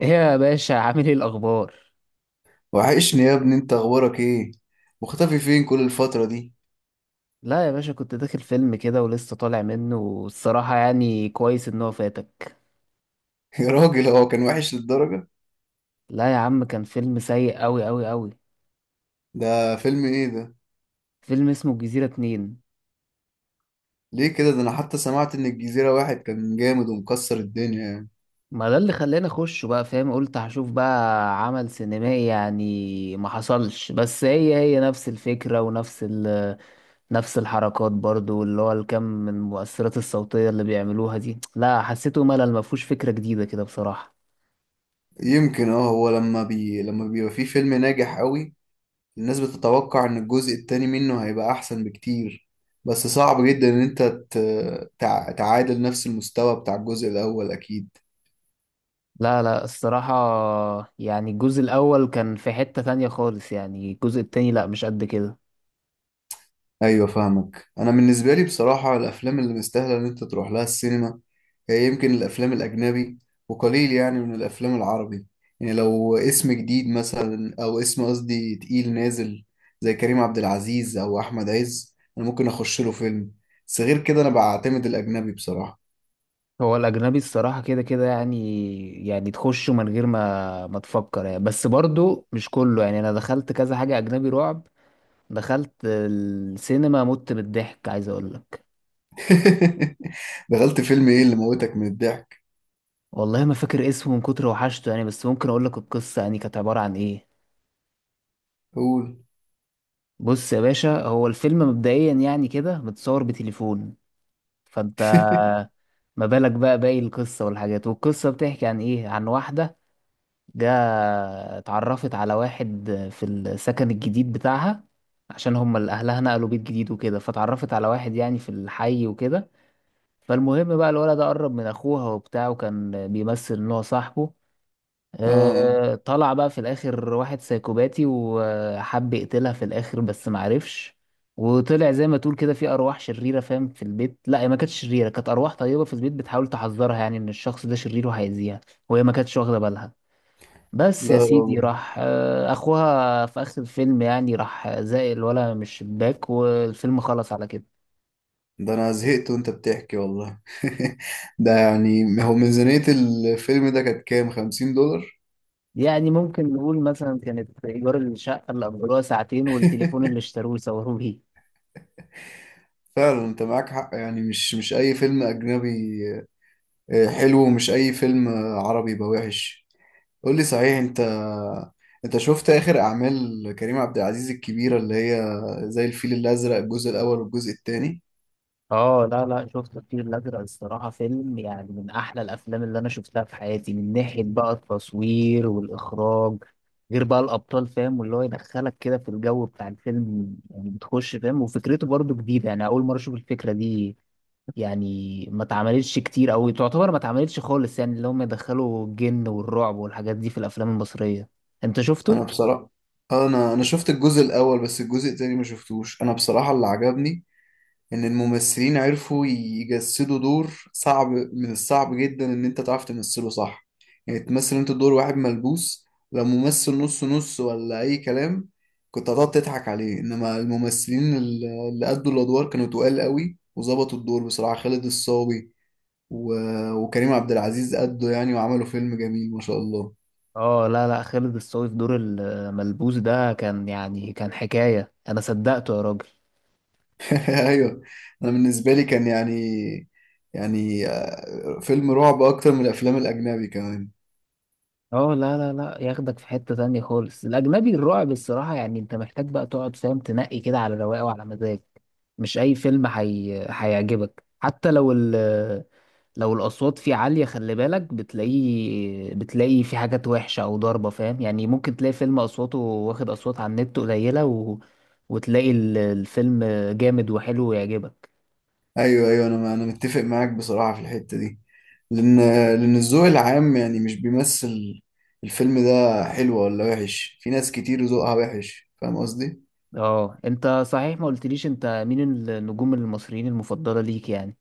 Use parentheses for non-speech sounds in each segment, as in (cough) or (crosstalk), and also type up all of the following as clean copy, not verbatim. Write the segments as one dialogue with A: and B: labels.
A: ايه يا باشا، عامل ايه الاخبار؟
B: وحشني يا ابني، انت اخبارك ايه؟ مختفي فين كل الفترة دي؟
A: لا يا باشا، كنت داخل فيلم كده ولسه طالع منه، والصراحة يعني كويس ان هو فاتك.
B: (laughs) يا راجل، هو كان وحش للدرجة؟
A: لا يا عم، كان فيلم سيء اوي اوي اوي.
B: ده فيلم ايه ده؟
A: فيلم اسمه الجزيرة اتنين.
B: ليه كده؟ ده انا حتى سمعت ان الجزيرة واحد كان جامد ومكسر الدنيا يعني.
A: ما ده اللي خلاني اخشه بقى، فاهم؟ قلت هشوف بقى عمل سينمائي، يعني ما حصلش. بس هي نفس الفكرة ونفس نفس الحركات برضو، اللي هو الكم من المؤثرات الصوتية اللي بيعملوها دي، لا حسيته ملل، ما فيهوش فكرة جديدة كده بصراحة.
B: يمكن هو لما بيبقى فيه فيلم ناجح قوي، الناس بتتوقع ان الجزء التاني منه هيبقى احسن بكتير. بس صعب جدا ان انت تعادل نفس المستوى بتاع الجزء الاول اكيد.
A: لا لا، الصراحة يعني الجزء الأول كان في حتة تانية خالص، يعني الجزء التاني لا مش قد كده.
B: ايوه فاهمك. انا بالنسبه لي بصراحه، الافلام اللي مستاهله ان انت تروح لها السينما هي يمكن الافلام الاجنبي، وقليل يعني من الافلام العربي. يعني لو اسم جديد مثلا، او اسم قصدي تقيل نازل، زي كريم عبد العزيز او احمد عز، انا ممكن اخش له فيلم. بس غير كده انا بعتمد الاجنبي بصراحه.
A: هو الأجنبي الصراحة كده كده يعني. يعني تخشه من غير ما تفكر يعني، بس برضو مش كله. يعني أنا دخلت كذا حاجة أجنبي رعب، دخلت السينما مت بالضحك عايز أقول لك.
B: (laughs) دخلت فيلم ايه اللي موتك من الضحك؟
A: والله ما فاكر اسمه من كتر وحشته يعني، بس ممكن أقول لك القصة، يعني كانت عبارة عن إيه.
B: قول.
A: بص يا باشا، هو الفيلم مبدئيا يعني كده متصور بتليفون، فأنت...
B: (laughs)
A: ما بالك بقى باقي القصة والحاجات. والقصة بتحكي عن ايه؟ عن واحدة، جا، اتعرفت على واحد في السكن الجديد بتاعها، عشان هم اللي اهلها نقلوا بيت جديد وكده، فتعرفت على واحد يعني في الحي وكده. فالمهم بقى الولد ده قرب من اخوها وبتاع، وكان بيمثل ان هو صاحبه.
B: اه
A: طلع بقى في الاخر واحد سايكوباتي وحب يقتلها في الاخر بس معرفش. وطلع زي ما تقول كده في ارواح شريره، فاهم؟ في البيت. لا هي ما كانتش شريره، كانت ارواح طيبه في البيت بتحاول تحذرها، يعني ان الشخص ده شرير وهيأذيها، وهي ما كانتش واخده بالها. بس
B: لا
A: يا
B: يا
A: سيدي
B: راجل،
A: راح اخوها في اخر الفيلم يعني راح زائل الولا مش شباك، والفيلم خلص على كده.
B: ده انا زهقت وانت بتحكي والله. (laughs) ده يعني هو ميزانية الفيلم ده كانت كام، خمسين دولار؟
A: يعني ممكن نقول مثلا كانت ايجار الشقه اللي اجروها ساعتين، والتليفون اللي
B: (laughs)
A: اشتروه وصوروه بيه.
B: فعلا انت معاك حق، يعني مش اي فيلم اجنبي حلو، ومش اي فيلم عربي يبقى وحش. قول لي صحيح، انت انت شفت اخر اعمال كريم عبد العزيز الكبيرة اللي هي زي الفيل الازرق، الجزء الاول والجزء التاني؟
A: اه، لا لا، شفت الفيل الازرق، الصراحه فيلم يعني من احلى الافلام اللي انا شفتها في حياتي، من ناحيه بقى التصوير والاخراج، غير بقى الابطال، فاهم؟ واللي هو يدخلك كده في الجو بتاع الفيلم، يعني بتخش فاهم، وفكرته برضو جديده، يعني اول مره اشوف الفكره دي. يعني ما اتعملتش كتير او تعتبر ما اتعملتش خالص، يعني اللي هم يدخلوا الجن والرعب والحاجات دي في الافلام المصريه. انت
B: انا
A: شفته؟
B: بصراحة، انا شفت الجزء الاول بس الجزء التاني ما شفتوش. انا بصراحة اللي عجبني ان الممثلين عرفوا يجسدوا دور صعب، من الصعب جدا ان انت تعرف تمثله صح. يعني تمثل انت دور واحد ملبوس، لو ممثل نص نص ولا اي كلام، كنت هتقعد تضحك عليه. انما الممثلين اللي أدوا الادوار كانوا تقال قوي وظبطوا الدور بصراحة. خالد الصاوي و... وكريم عبد العزيز أدوا يعني وعملوا فيلم جميل ما شاء الله.
A: اه، لا لا، خالد الصاوي في دور الملبوس ده كان يعني كان حكايه، انا صدقته يا راجل.
B: (laughs) ايوه. انا بالنسبة لي كان يعني، يعني فيلم رعب اكتر من الافلام الاجنبي كمان.
A: اه، لا لا لا، ياخدك في حتة تانية خالص. الأجنبي الرعب الصراحة يعني أنت محتاج بقى تقعد، فاهم؟ تنقي كده على رواقه وعلى مزاج. مش أي فيلم هيعجبك، حتى لو لو الأصوات فيه عالية. خلي بالك بتلاقي في حاجات وحشة أو ضربة، فاهم؟ يعني ممكن تلاقي فيلم أصواته واخد أصوات على النت قليلة وتلاقي الفيلم جامد وحلو ويعجبك.
B: ايوه ايوه، انا متفق معاك بصراحه في الحته دي. لان، لان الذوق العام يعني مش بيمثل. الفيلم ده حلو ولا وحش؟ في ناس كتير ذوقها وحش، فاهم قصدي؟
A: اه أنت صحيح ما قلتليش، أنت مين النجوم المصريين المفضلة ليك يعني؟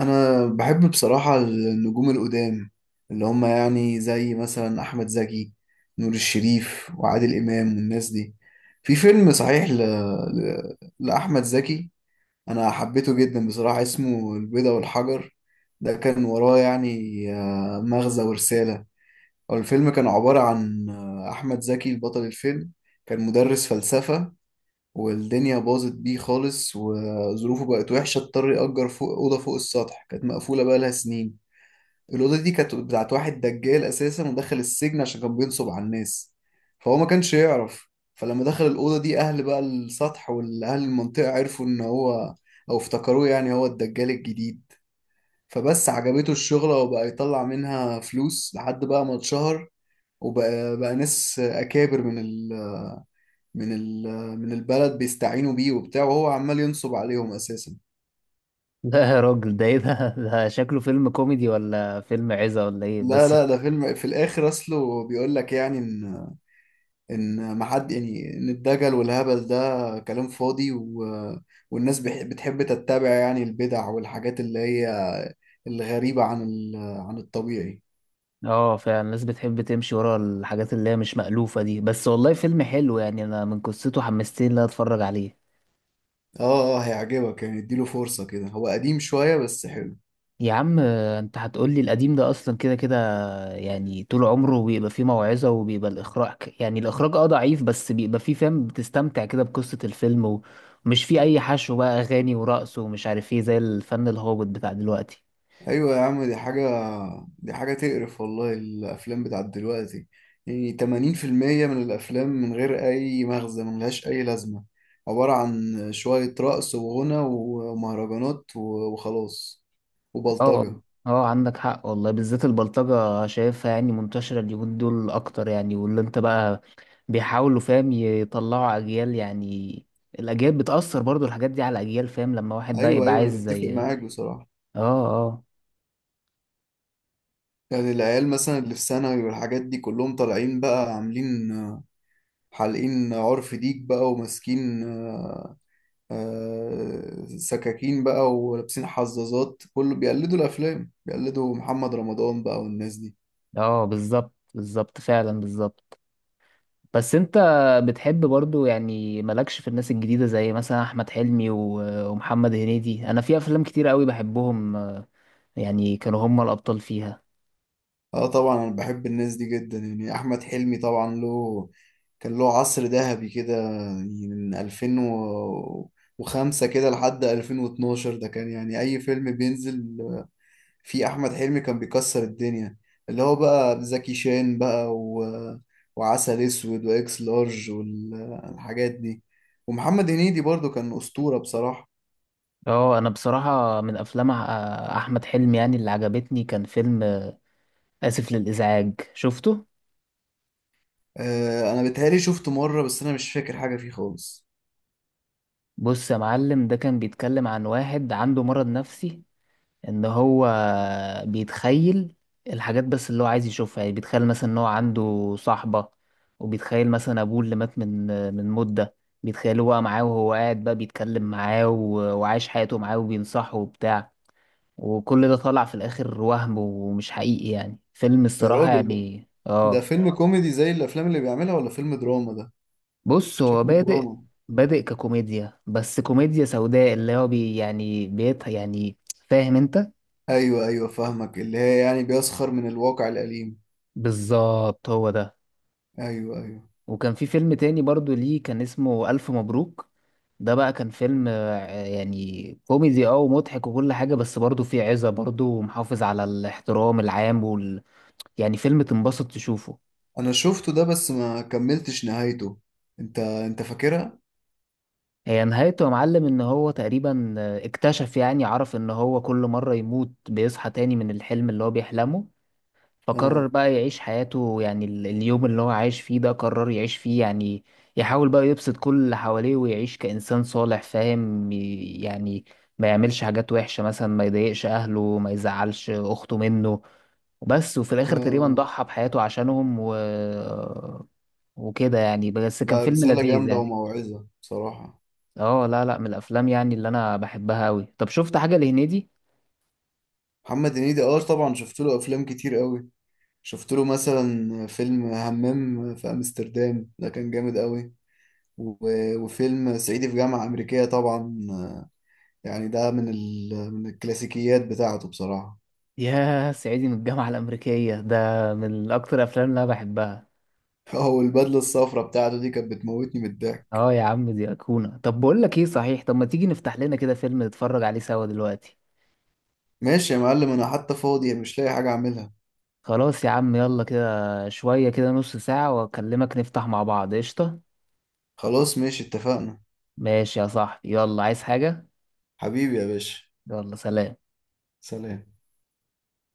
B: انا بحب بصراحه النجوم القدام، اللي هم يعني زي مثلا احمد زكي، نور الشريف، وعادل امام، والناس دي. في فيلم صحيح لاحمد زكي انا حبيته جدا بصراحه، اسمه البيضة والحجر. ده كان وراه يعني مغزى ورساله. هو الفيلم كان عبارة عن، أحمد زكي البطل الفيلم كان مدرس فلسفة، والدنيا باظت بيه خالص وظروفه بقت وحشة، اضطر يأجر فوق أوضة فوق السطح كانت مقفولة بقالها سنين. الأوضة دي كانت بتاعت واحد دجال أساسا ودخل السجن عشان كان بينصب على الناس، فهو ما كانش يعرف. فلما دخل الأوضة دي، أهل بقى السطح والأهل المنطقة عرفوا إن هو، أو افتكروه يعني هو الدجال الجديد. فبس عجبته الشغلة وبقى يطلع منها فلوس لحد بقى ما اتشهر، وبقى ناس اكابر من ال من البلد بيستعينوا بيه وبتاع، وهو عمال ينصب عليهم اساسا.
A: لا يا راجل، ده ايه ده؟ (laughs) ده شكله فيلم كوميدي ولا فيلم عزة ولا ايه
B: لا
A: بس؟
B: لا، ده فيلم في الاخر اصله بيقول لك يعني ان، ان ما حد يعني، ان الدجل والهبل ده كلام فاضي، والناس بتحب تتبع يعني البدع والحاجات اللي هي الغريبة عن ال عن الطبيعي.
A: اه فعلا، الناس بتحب تمشي ورا الحاجات اللي هي مش مألوفة دي، بس والله فيلم حلو يعني، انا من قصته حمستني ان انا اتفرج عليه.
B: اه اه، هيعجبك يعني، اديله فرصة كده، هو قديم شوية بس حلو.
A: يا عم، انت هتقولي القديم ده اصلا كده كده، يعني طول عمره بيبقى فيه موعظة، وبيبقى الاخراج يعني الاخراج ضعيف، بس بيبقى فيه فاهم بتستمتع كده بقصة الفيلم، ومش فيه اي حشو بقى، اغاني ورقص ومش عارف ايه، زي الفن الهابط بتاع دلوقتي.
B: ايوه يا عم، دي حاجه تقرف والله، الافلام بتاعت دلوقتي يعني 80% من الافلام من غير اي مغزى، ملهاش اي لازمه، عباره عن شويه رقص وغنى ومهرجانات وخلاص،
A: اه والله.
B: وبلطجه.
A: اه، عندك حق والله، بالذات البلطجة شايفها يعني منتشرة اليومين دول أكتر يعني، واللي أنت بقى بيحاولوا فاهم يطلعوا أجيال، يعني الأجيال بتأثر برضو الحاجات دي على الأجيال، فاهم؟ لما واحد بقى
B: ايوه
A: يبقى
B: ايوه انا
A: عايز
B: بتفق
A: زي
B: معاك بصراحه.
A: اه
B: يعني العيال مثلا اللي في ثانوي والحاجات دي، كلهم طالعين بقى عاملين حالقين عرف ديك بقى، وماسكين سكاكين بقى، ولابسين حظاظات، كله بيقلدوا الافلام، بيقلدوا محمد رمضان بقى والناس دي.
A: اه، بالظبط بالظبط فعلا بالظبط. بس أنت بتحب برضو يعني مالكش في الناس الجديدة زي مثلا أحمد حلمي ومحمد هنيدي؟ أنا في أفلام كتير قوي بحبهم، يعني كانوا هم الأبطال فيها.
B: اه طبعا، انا بحب الناس دي جدا، يعني احمد حلمي طبعا له، كان له عصر ذهبي كده يعني، من 2005 كده لحد 2012، ده كان يعني اي فيلم بينزل في احمد حلمي كان بيكسر الدنيا. اللي هو بقى زكي شان بقى وعسل اسود واكس لارج والحاجات دي. ومحمد هنيدي برضو كان اسطورة بصراحة.
A: اه، انا بصراحة من افلام احمد حلمي يعني اللي عجبتني كان فيلم اسف للازعاج، شفته؟
B: انا بتهيألي شفته مرة، بس انا مش فاكر حاجة فيه خالص.
A: بص يا معلم، ده كان بيتكلم عن واحد عنده مرض نفسي، ان هو بيتخيل الحاجات بس اللي هو عايز يشوفها. يعني بيتخيل مثلا ان هو عنده صاحبة، وبيتخيل مثلا ابوه اللي مات من مدة، بيتخيل هو معاه وهو قاعد بقى بيتكلم معاه وعايش حياته معاه وبينصحه وبتاع. وكل ده طلع في الاخر وهم ومش حقيقي، يعني فيلم
B: يا
A: الصراحة
B: راجل،
A: يعني
B: ده
A: اه
B: فيلم كوميدي زي الافلام اللي بيعملها ولا فيلم دراما ده؟
A: بص، هو
B: شكله
A: بادئ
B: دراما.
A: بادئ ككوميديا، بس كوميديا سوداء اللي هو يعني بيت يعني، فاهم انت؟
B: ايوه ايوه فاهمك، اللي هي يعني بيسخر من الواقع الأليم.
A: بالظبط هو ده.
B: ايوه ايوه،
A: وكان في فيلم تاني برضو ليه، كان اسمه ألف مبروك. ده بقى كان فيلم يعني كوميدي ومضحك وكل حاجة، بس برضو فيه عزة برضو ومحافظ على الاحترام العام يعني فيلم تنبسط تشوفه.
B: انا شفته ده بس ما كملتش نهايته، انت فاكرها؟
A: هي نهايته يا معلم ان هو تقريبا اكتشف، يعني عرف ان هو كل مرة يموت بيصحى تاني من الحلم اللي هو بيحلمه، فقرر
B: اه
A: بقى يعيش حياته، يعني اليوم اللي هو عايش فيه ده قرر يعيش فيه، يعني يحاول بقى يبسط كل اللي حواليه ويعيش كإنسان صالح، فاهم؟ يعني ما يعملش حاجات وحشة مثلا، ما يضايقش أهله، ما يزعلش أخته منه. وبس، وفي
B: اه.
A: الآخر تقريبا
B: آه.
A: ضحى بحياته عشانهم وكده يعني، بس كان
B: لا،
A: فيلم
B: رسالة
A: لذيذ
B: جامدة
A: يعني.
B: وموعظة بصراحة.
A: اه، لا لا، من الافلام يعني اللي انا بحبها قوي. طب شفت حاجه لهنيدي؟
B: محمد هنيدي اه طبعا، شفت له افلام كتير قوي. شفت له مثلا فيلم همام في امستردام، ده كان جامد قوي. وفيلم صعيدي في جامعة أمريكية طبعا، يعني ده من الكلاسيكيات بتاعته بصراحة.
A: يا صعيدي من الجامعه الامريكيه ده من اكتر الافلام اللي انا بحبها.
B: (laughs) هو البدلة الصفراء بتاعته دي كانت بتموتني من الضحك.
A: اه يا عم، دي ايقونه. طب بقول لك ايه صحيح، طب ما تيجي نفتح لنا كده فيلم نتفرج عليه سوا دلوقتي؟
B: ماشي يا معلم، أنا حتى فاضي مش لاقي حاجة أعملها.
A: خلاص يا عم، يلا كده شويه كده، نص ساعه واكلمك نفتح مع بعض قشطه.
B: خلاص ماشي، اتفقنا.
A: ماشي يا صاحبي، يلا عايز حاجه؟
B: حبيبي يا باشا.
A: يلا سلام.
B: سلام.